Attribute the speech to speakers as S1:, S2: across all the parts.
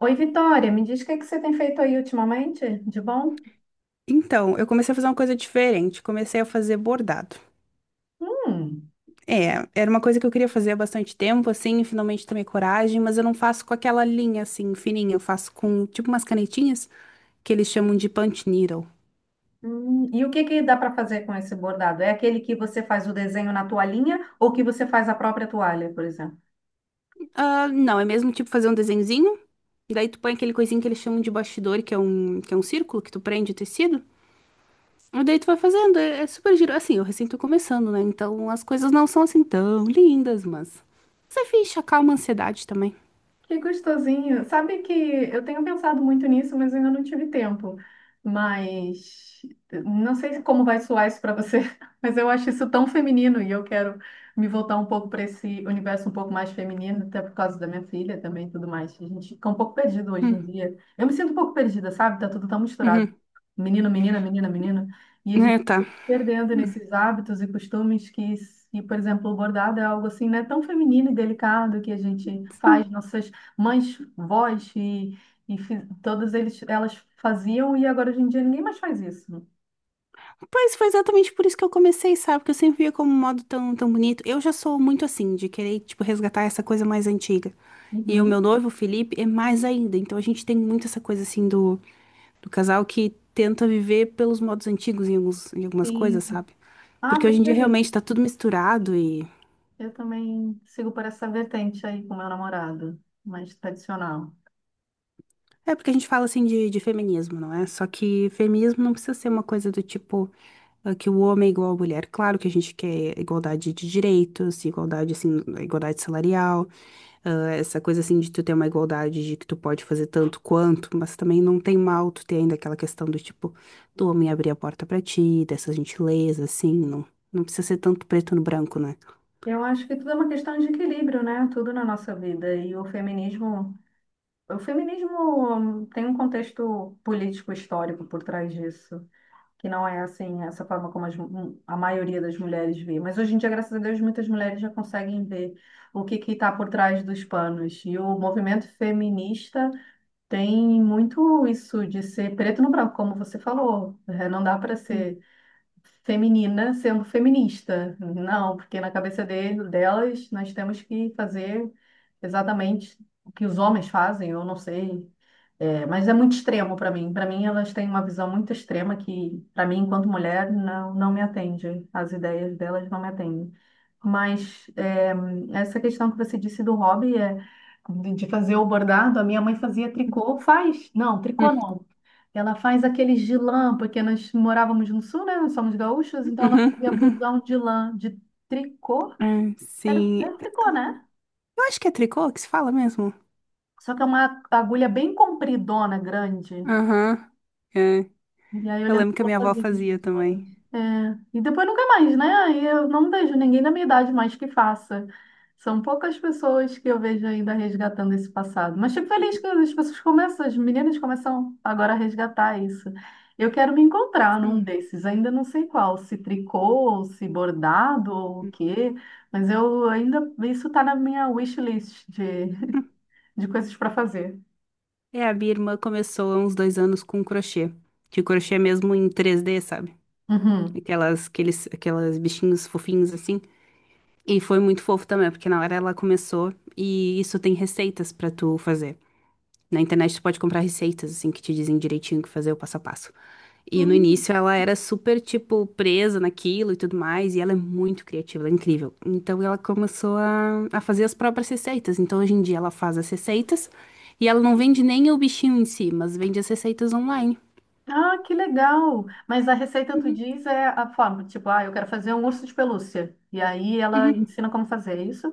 S1: Oi, Vitória, me diz o que que você tem feito aí ultimamente, de bom?
S2: Então, eu comecei a fazer uma coisa diferente. Comecei a fazer bordado.
S1: Hum.
S2: É, era uma coisa que eu queria fazer há bastante tempo, assim, e finalmente tomei coragem, mas eu não faço com aquela linha, assim, fininha. Eu faço com, tipo, umas canetinhas, que eles chamam de punch needle.
S1: E o que que dá para fazer com esse bordado? É aquele que você faz o desenho na toalhinha ou que você faz a própria toalha, por exemplo?
S2: Ah, não, é mesmo, tipo, fazer um desenhozinho, e daí tu põe aquele coisinho que eles chamam de bastidor, que é um círculo que tu prende o tecido, e daí tu vai fazendo. É, é super giro. Assim, eu recém tô começando, né? Então, as coisas não são, assim, tão lindas, mas. Você ficha, acalma a ansiedade também.
S1: Que gostosinho. Sabe que eu tenho pensado muito nisso, mas ainda não tive tempo. Mas não sei como vai soar isso para você, mas eu acho isso tão feminino e eu quero me voltar um pouco para esse universo um pouco mais feminino, até por causa da minha filha também e tudo mais. A gente fica um pouco perdido hoje em
S2: Hum,
S1: dia. Eu me sinto um pouco perdida, sabe? Tá tudo tão misturado.
S2: uhum.
S1: Menino, menina, menina, menina. E a gente
S2: É,
S1: fica
S2: tá.
S1: se perdendo
S2: Hum.
S1: nesses hábitos e costumes que, se, por exemplo, o bordado é algo assim, né, tão feminino e delicado que a gente
S2: Hum.
S1: faz nossas mães, vós e, todas elas faziam e agora hoje em dia ninguém mais faz isso.
S2: Pois foi exatamente por isso que eu comecei, sabe? Porque eu sempre via como um modo tão, tão bonito. Eu já sou muito assim, de querer, tipo, resgatar essa coisa mais antiga. E o meu
S1: Uhum.
S2: noivo, o Felipe, é mais ainda. Então a gente tem muito essa coisa assim do casal que tenta viver pelos modos antigos em, algumas coisas,
S1: Sim.
S2: sabe?
S1: Ah,
S2: Porque hoje
S1: fico
S2: em dia realmente
S1: feliz.
S2: tá tudo misturado e
S1: Eu também sigo por essa vertente aí com meu namorado, mais tradicional.
S2: é porque a gente fala assim de feminismo, não é? Só que feminismo não precisa ser uma coisa do tipo que o homem é igual à mulher. Claro que a gente quer igualdade de direitos, igualdade assim, igualdade salarial, essa coisa assim de tu ter uma igualdade de que tu pode fazer tanto quanto, mas também não tem mal tu ter ainda aquela questão do tipo do homem abrir a porta pra ti, dessa gentileza, assim, não, não precisa ser tanto preto no branco, né?
S1: Eu acho que tudo é uma questão de equilíbrio, né? Tudo na nossa vida. E o feminismo tem um contexto político histórico por trás disso, que não é assim, essa forma como a maioria das mulheres vê. Mas hoje em dia, graças a Deus, muitas mulheres já conseguem ver o que que está por trás dos panos. E o movimento feminista tem muito isso de ser preto no branco, como você falou. É, não dá para ser feminina sendo feminista. Não, porque na cabeça dele, delas, nós temos que fazer exatamente o que os homens fazem, eu não sei, é, mas é muito extremo para mim. Para mim, elas têm uma visão muito extrema que, para mim, enquanto mulher, não, não me atende. As ideias delas não me atendem. Mas é, essa questão que você disse do hobby é de fazer o bordado, a minha mãe fazia tricô, faz? Não,
S2: Uhum,
S1: tricô não. Ela faz aqueles de lã, porque nós morávamos no sul, né? Nós somos gaúchos, então ela
S2: uhum,
S1: fazia
S2: uhum.
S1: blusão de lã, de tricô.
S2: Ah,
S1: Era,
S2: sim.
S1: era tricô, né?
S2: Eu acho que é tricô que se fala mesmo.
S1: Só que é uma agulha bem compridona, grande.
S2: Aham.
S1: E aí eu
S2: Eu
S1: lembro que
S2: lembro que a
S1: ela
S2: minha avó
S1: fazia isso
S2: fazia também.
S1: ultimamente. É, e depois nunca mais, né? Aí eu não vejo ninguém da minha idade mais que faça. São poucas pessoas que eu vejo ainda resgatando esse passado. Mas fico feliz que as pessoas começam, as meninas começam agora a resgatar isso. Eu quero me encontrar num desses, ainda não sei qual, se tricô, ou se bordado ou o quê, mas eu ainda, isso tá na minha wishlist de, de coisas para fazer.
S2: É, a minha irmã começou há uns 2 anos com crochê. De crochê mesmo em 3D, sabe?
S1: Uhum.
S2: Aquelas bichinhos fofinhos assim. E foi muito fofo também, porque na hora ela começou e isso tem receitas pra tu fazer. Na internet tu pode comprar receitas, assim, que te dizem direitinho o que fazer, o passo a passo. E no
S1: Hum.
S2: início ela era super, tipo, presa naquilo e tudo mais, e ela é muito criativa, ela é incrível. Então ela começou a fazer as próprias receitas. Então hoje em dia ela faz as receitas e ela não vende nem o bichinho em si, mas vende as receitas online.
S1: Ah, que legal! Mas a receita tu
S2: Uhum,
S1: diz é a forma, tipo, ah, eu quero fazer um urso de pelúcia. E aí ela
S2: uhum.
S1: ensina como fazer é isso?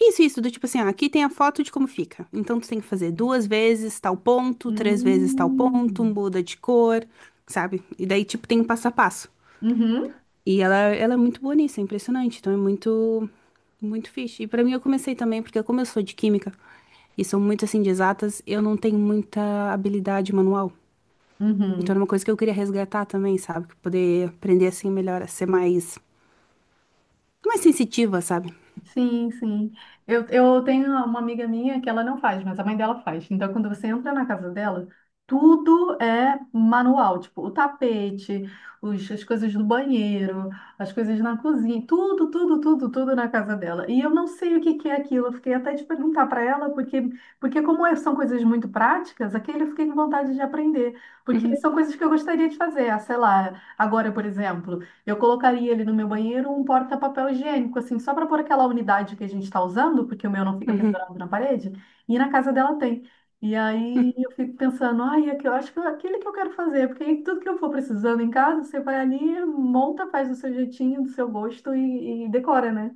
S2: Isso, do tipo assim, ah, aqui tem a foto de como fica. Então tu tem que fazer duas vezes tal ponto, três vezes tal ponto,
S1: Hum.
S2: muda de cor, sabe? E daí, tipo, tem um passo a passo.
S1: Uhum,
S2: E ela é muito boa nisso, é impressionante. Então é muito, muito fixe. E pra mim eu comecei também, porque como eu sou de química e sou muito assim de exatas, eu não tenho muita habilidade manual. Então era
S1: uhum.
S2: uma coisa que eu queria resgatar também, sabe? Poder aprender assim melhor, a ser mais, mais sensitiva, sabe?
S1: Sim, sim. Eu tenho uma amiga minha que ela não faz, mas a mãe dela faz. Então, quando você entra na casa dela, tudo é manual, tipo, o tapete, os, as coisas do banheiro, as coisas na cozinha, tudo, tudo, tudo, tudo na casa dela. E eu não sei o que que é aquilo. Eu fiquei até de perguntar para ela, porque, porque como é- são coisas muito práticas, aquele eu fiquei com vontade de aprender, porque
S2: Uhum,
S1: são coisas que eu gostaria de fazer. Ah, sei lá, agora, por exemplo. Eu colocaria ele no meu banheiro um porta-papel higiênico, assim, só para pôr aquela unidade que a gente está usando, porque o meu não fica
S2: uhum,
S1: pendurado na parede, e na casa dela tem. E
S2: uhum.
S1: aí eu fico pensando, ai, aqui- eu acho que é aquele que eu quero fazer, porque aí tudo que eu for precisando em casa, você vai ali, monta, faz do seu jeitinho, do seu gosto e decora, né?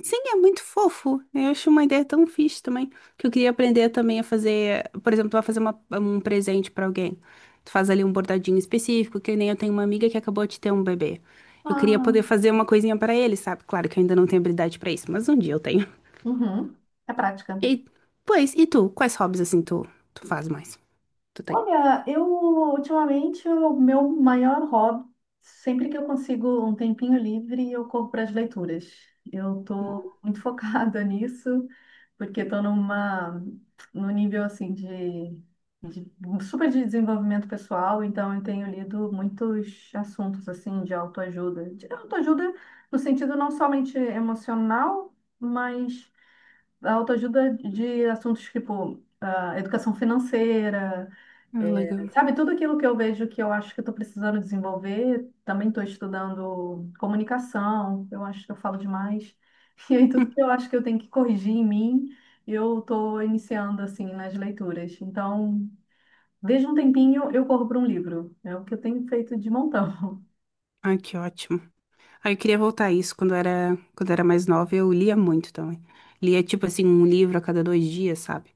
S2: Sim, é muito fofo. Eu acho uma ideia tão fixe também. Que eu queria aprender também a fazer, por exemplo, a fazer um presente pra alguém. Tu faz ali um bordadinho específico, que nem eu tenho uma amiga que acabou de ter um bebê. Eu queria
S1: Ah,
S2: poder fazer uma coisinha pra ele, sabe? Claro que eu ainda não tenho habilidade pra isso, mas um dia eu tenho.
S1: uhum, é prática.
S2: E, pois, e tu? Quais hobbies assim tu faz mais? Tu tem?
S1: Olha, eu ultimamente o meu maior hobby, sempre que eu consigo um tempinho livre, eu corro para as leituras. Eu tô
S2: Hum.
S1: muito focada nisso, porque estou numa num nível assim de super de desenvolvimento pessoal, então eu tenho lido muitos assuntos assim de autoajuda no sentido não somente emocional, mas a autoajuda de assuntos tipo ah, educação financeira.
S2: Ah, legal.
S1: Sabe, tudo aquilo que eu vejo que eu acho que eu estou precisando desenvolver, também estou estudando comunicação, eu acho que eu falo demais. E aí, tudo
S2: Hum.
S1: que eu acho que eu tenho que corrigir em mim, eu estou iniciando, assim, nas leituras. Então, vejo um tempinho, eu corro para um livro. É o que eu tenho feito de montão.
S2: Ai, que ótimo. Ah, eu queria voltar a isso quando eu era mais nova, eu lia muito também. Lia tipo assim um livro a cada 2 dias, sabe?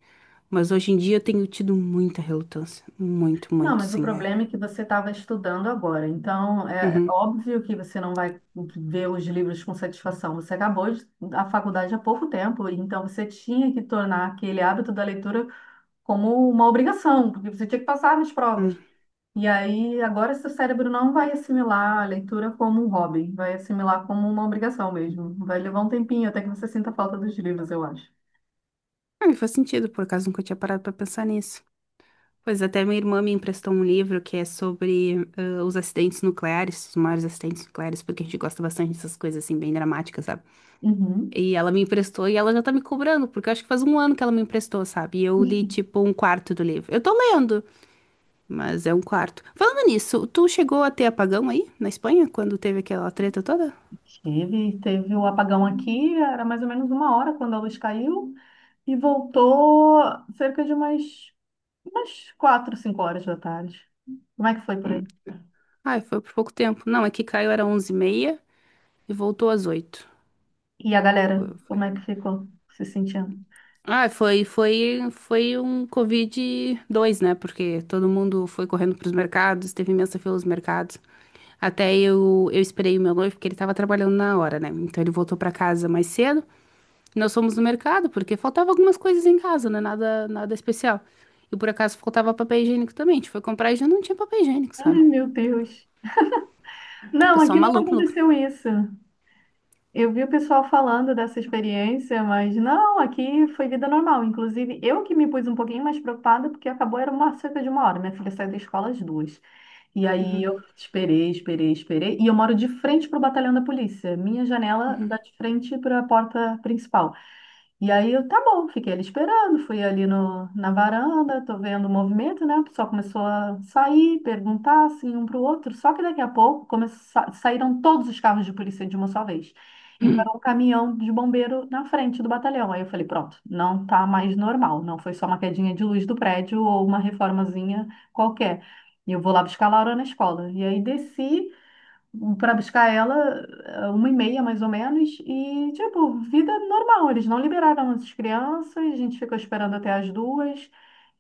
S2: Mas hoje em dia eu tenho tido muita relutância, muito,
S1: Não,
S2: muito,
S1: mas o
S2: sim, é.
S1: problema é que você estava estudando agora. Então, é
S2: Uhum.
S1: óbvio que você não vai ver os livros com satisfação. Você acabou de, a faculdade há pouco tempo, então você tinha que tornar aquele hábito da leitura como uma obrigação, porque você tinha que passar nas
S2: Hum.
S1: provas. E aí, agora seu cérebro não vai assimilar a leitura como um hobby, vai assimilar como uma obrigação mesmo. Vai levar um tempinho até que você sinta falta dos livros, eu acho.
S2: Ah, me faz sentido, por acaso nunca tinha parado pra pensar nisso. Pois até minha irmã me emprestou um livro que é sobre os acidentes nucleares, os maiores acidentes nucleares, porque a gente gosta bastante dessas coisas assim bem dramáticas, sabe?
S1: Uhum.
S2: E ela me emprestou e ela já tá me cobrando, porque eu acho que faz um ano que ela me emprestou, sabe? E eu li tipo um quarto do livro. Eu tô lendo. Mas é um quarto. Falando nisso, tu chegou a ter apagão aí, na Espanha, quando teve aquela treta toda?
S1: Teve, teve o apagão aqui, era mais ou menos 1 hora quando a luz caiu. E voltou cerca de umas, umas 4, 5 horas da tarde. Como é que foi por
S2: Hum.
S1: aí?
S2: Ai, foi por pouco tempo. Não, é que caiu era 11:30 e voltou às 8h.
S1: E a galera,
S2: Foi, foi.
S1: como é que ficou se sentindo?
S2: Ah, foi um covid dois, né? Porque todo mundo foi correndo pros mercados, teve imensa fila nos mercados. Até eu esperei o meu noivo, porque ele tava trabalhando na hora, né? Então ele voltou pra casa mais cedo. Nós fomos no mercado, porque faltava algumas coisas em casa, né? Nada, nada especial. E por acaso faltava papel higiênico também. A gente foi comprar e já não tinha papel higiênico, sabe?
S1: Ai, meu Deus.
S2: O
S1: Não, aqui
S2: pessoal
S1: não
S2: maluco, maluco.
S1: aconteceu isso. Eu vi o pessoal falando dessa experiência, mas não, aqui foi vida normal. Inclusive, eu que me pus um pouquinho mais preocupada, porque acabou, era uma cerca de 1 hora. Minha filha saiu da escola às 2. E aí
S2: Uhum,
S1: eu esperei, esperei, esperei. E eu moro de frente para o batalhão da polícia. Minha janela dá
S2: uhum,
S1: de frente para a porta principal. E aí eu, tá bom, fiquei ali esperando, fui ali no, na varanda, tô vendo o movimento, né? O pessoal começou a sair, perguntar assim um para o outro, só que daqui a pouco saíram todos os carros de polícia de uma só vez. E parou um caminhão de bombeiro na frente do batalhão. Aí eu falei, pronto, não tá mais normal, não foi só uma quedinha de luz do prédio ou uma reformazinha qualquer. E eu vou lá buscar a Laura na escola. E aí desci para buscar ela, 1 e meia mais ou menos, e tipo, vida normal. Eles não liberaram as crianças, a gente ficou esperando até as 2.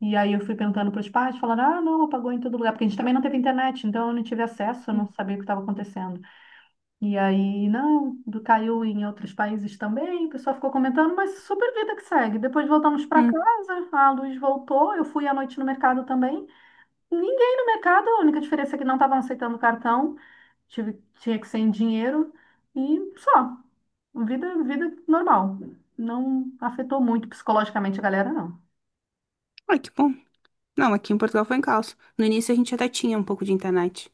S1: E aí eu fui perguntando para os pais, falando, ah, não, apagou em todo lugar, porque a gente também não teve internet, então eu não tive acesso, eu
S2: uhum.
S1: não sabia o que estava acontecendo. E aí, não, caiu em outros países também, o pessoal ficou comentando, mas super vida que segue. Depois voltamos para
S2: Hum.
S1: casa, a luz voltou, eu fui à noite no mercado também. Ninguém no mercado, a única diferença é que não estavam aceitando cartão, tive, tinha que ser em dinheiro e só. Vida, vida normal. Não afetou muito psicologicamente a galera, não.
S2: Ai, que bom. Não, aqui em Portugal foi em caos. No início a gente até tinha um pouco de internet.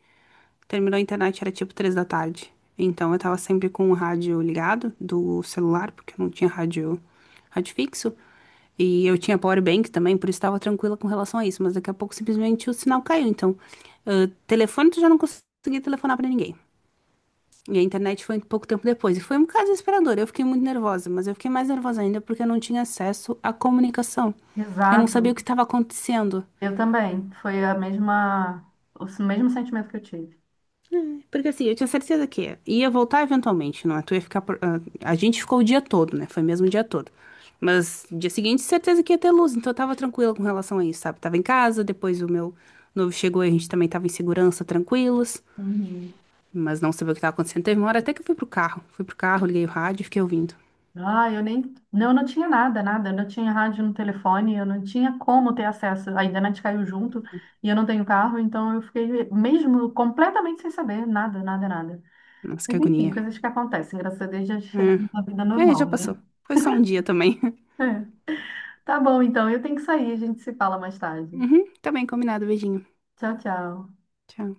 S2: Terminou a internet, era tipo 3 da tarde. Então eu tava sempre com o rádio ligado do celular, porque eu não tinha rádio, rádio fixo. E eu tinha power bank também, por isso estava tranquila com relação a isso. Mas daqui a pouco simplesmente o sinal caiu. Então, telefone tu já não conseguia telefonar pra ninguém. E a internet foi um pouco tempo depois. E foi um caso desesperador. Eu fiquei muito nervosa, mas eu fiquei mais nervosa ainda porque eu não tinha acesso à comunicação. Eu não sabia
S1: Exato.
S2: o que estava acontecendo.
S1: Eu também. Foi a mesma, o mesmo sentimento que eu tive.
S2: Porque assim, eu tinha certeza que ia voltar eventualmente, não é? Tu ia ficar. A gente ficou o dia todo, né? Foi mesmo o dia todo. Mas dia seguinte, certeza que ia ter luz, então eu tava tranquila com relação a isso, sabe? Tava em casa, depois o meu noivo chegou e a gente também tava em segurança, tranquilos.
S1: Uhum.
S2: Mas não sabia o que tava acontecendo. Teve uma hora até que eu fui pro carro. Fui pro carro, liguei o rádio e fiquei ouvindo.
S1: Ah, eu nem. Não, eu não tinha nada, nada. Eu não tinha rádio no telefone, eu não tinha como ter acesso. A internet caiu junto e eu não tenho carro, então eu fiquei mesmo completamente sem saber nada, nada, nada.
S2: Nossa, que
S1: Mas enfim,
S2: agonia.
S1: coisas que acontecem. Graças a Deus já chegamos na vida
S2: É, é, já
S1: normal, né?
S2: passou. Foi só um dia também.
S1: É. Tá bom, então. Eu tenho que sair. A gente se fala mais tarde.
S2: Uhum, tá bem, combinado. Beijinho.
S1: Tchau, tchau.
S2: Tchau.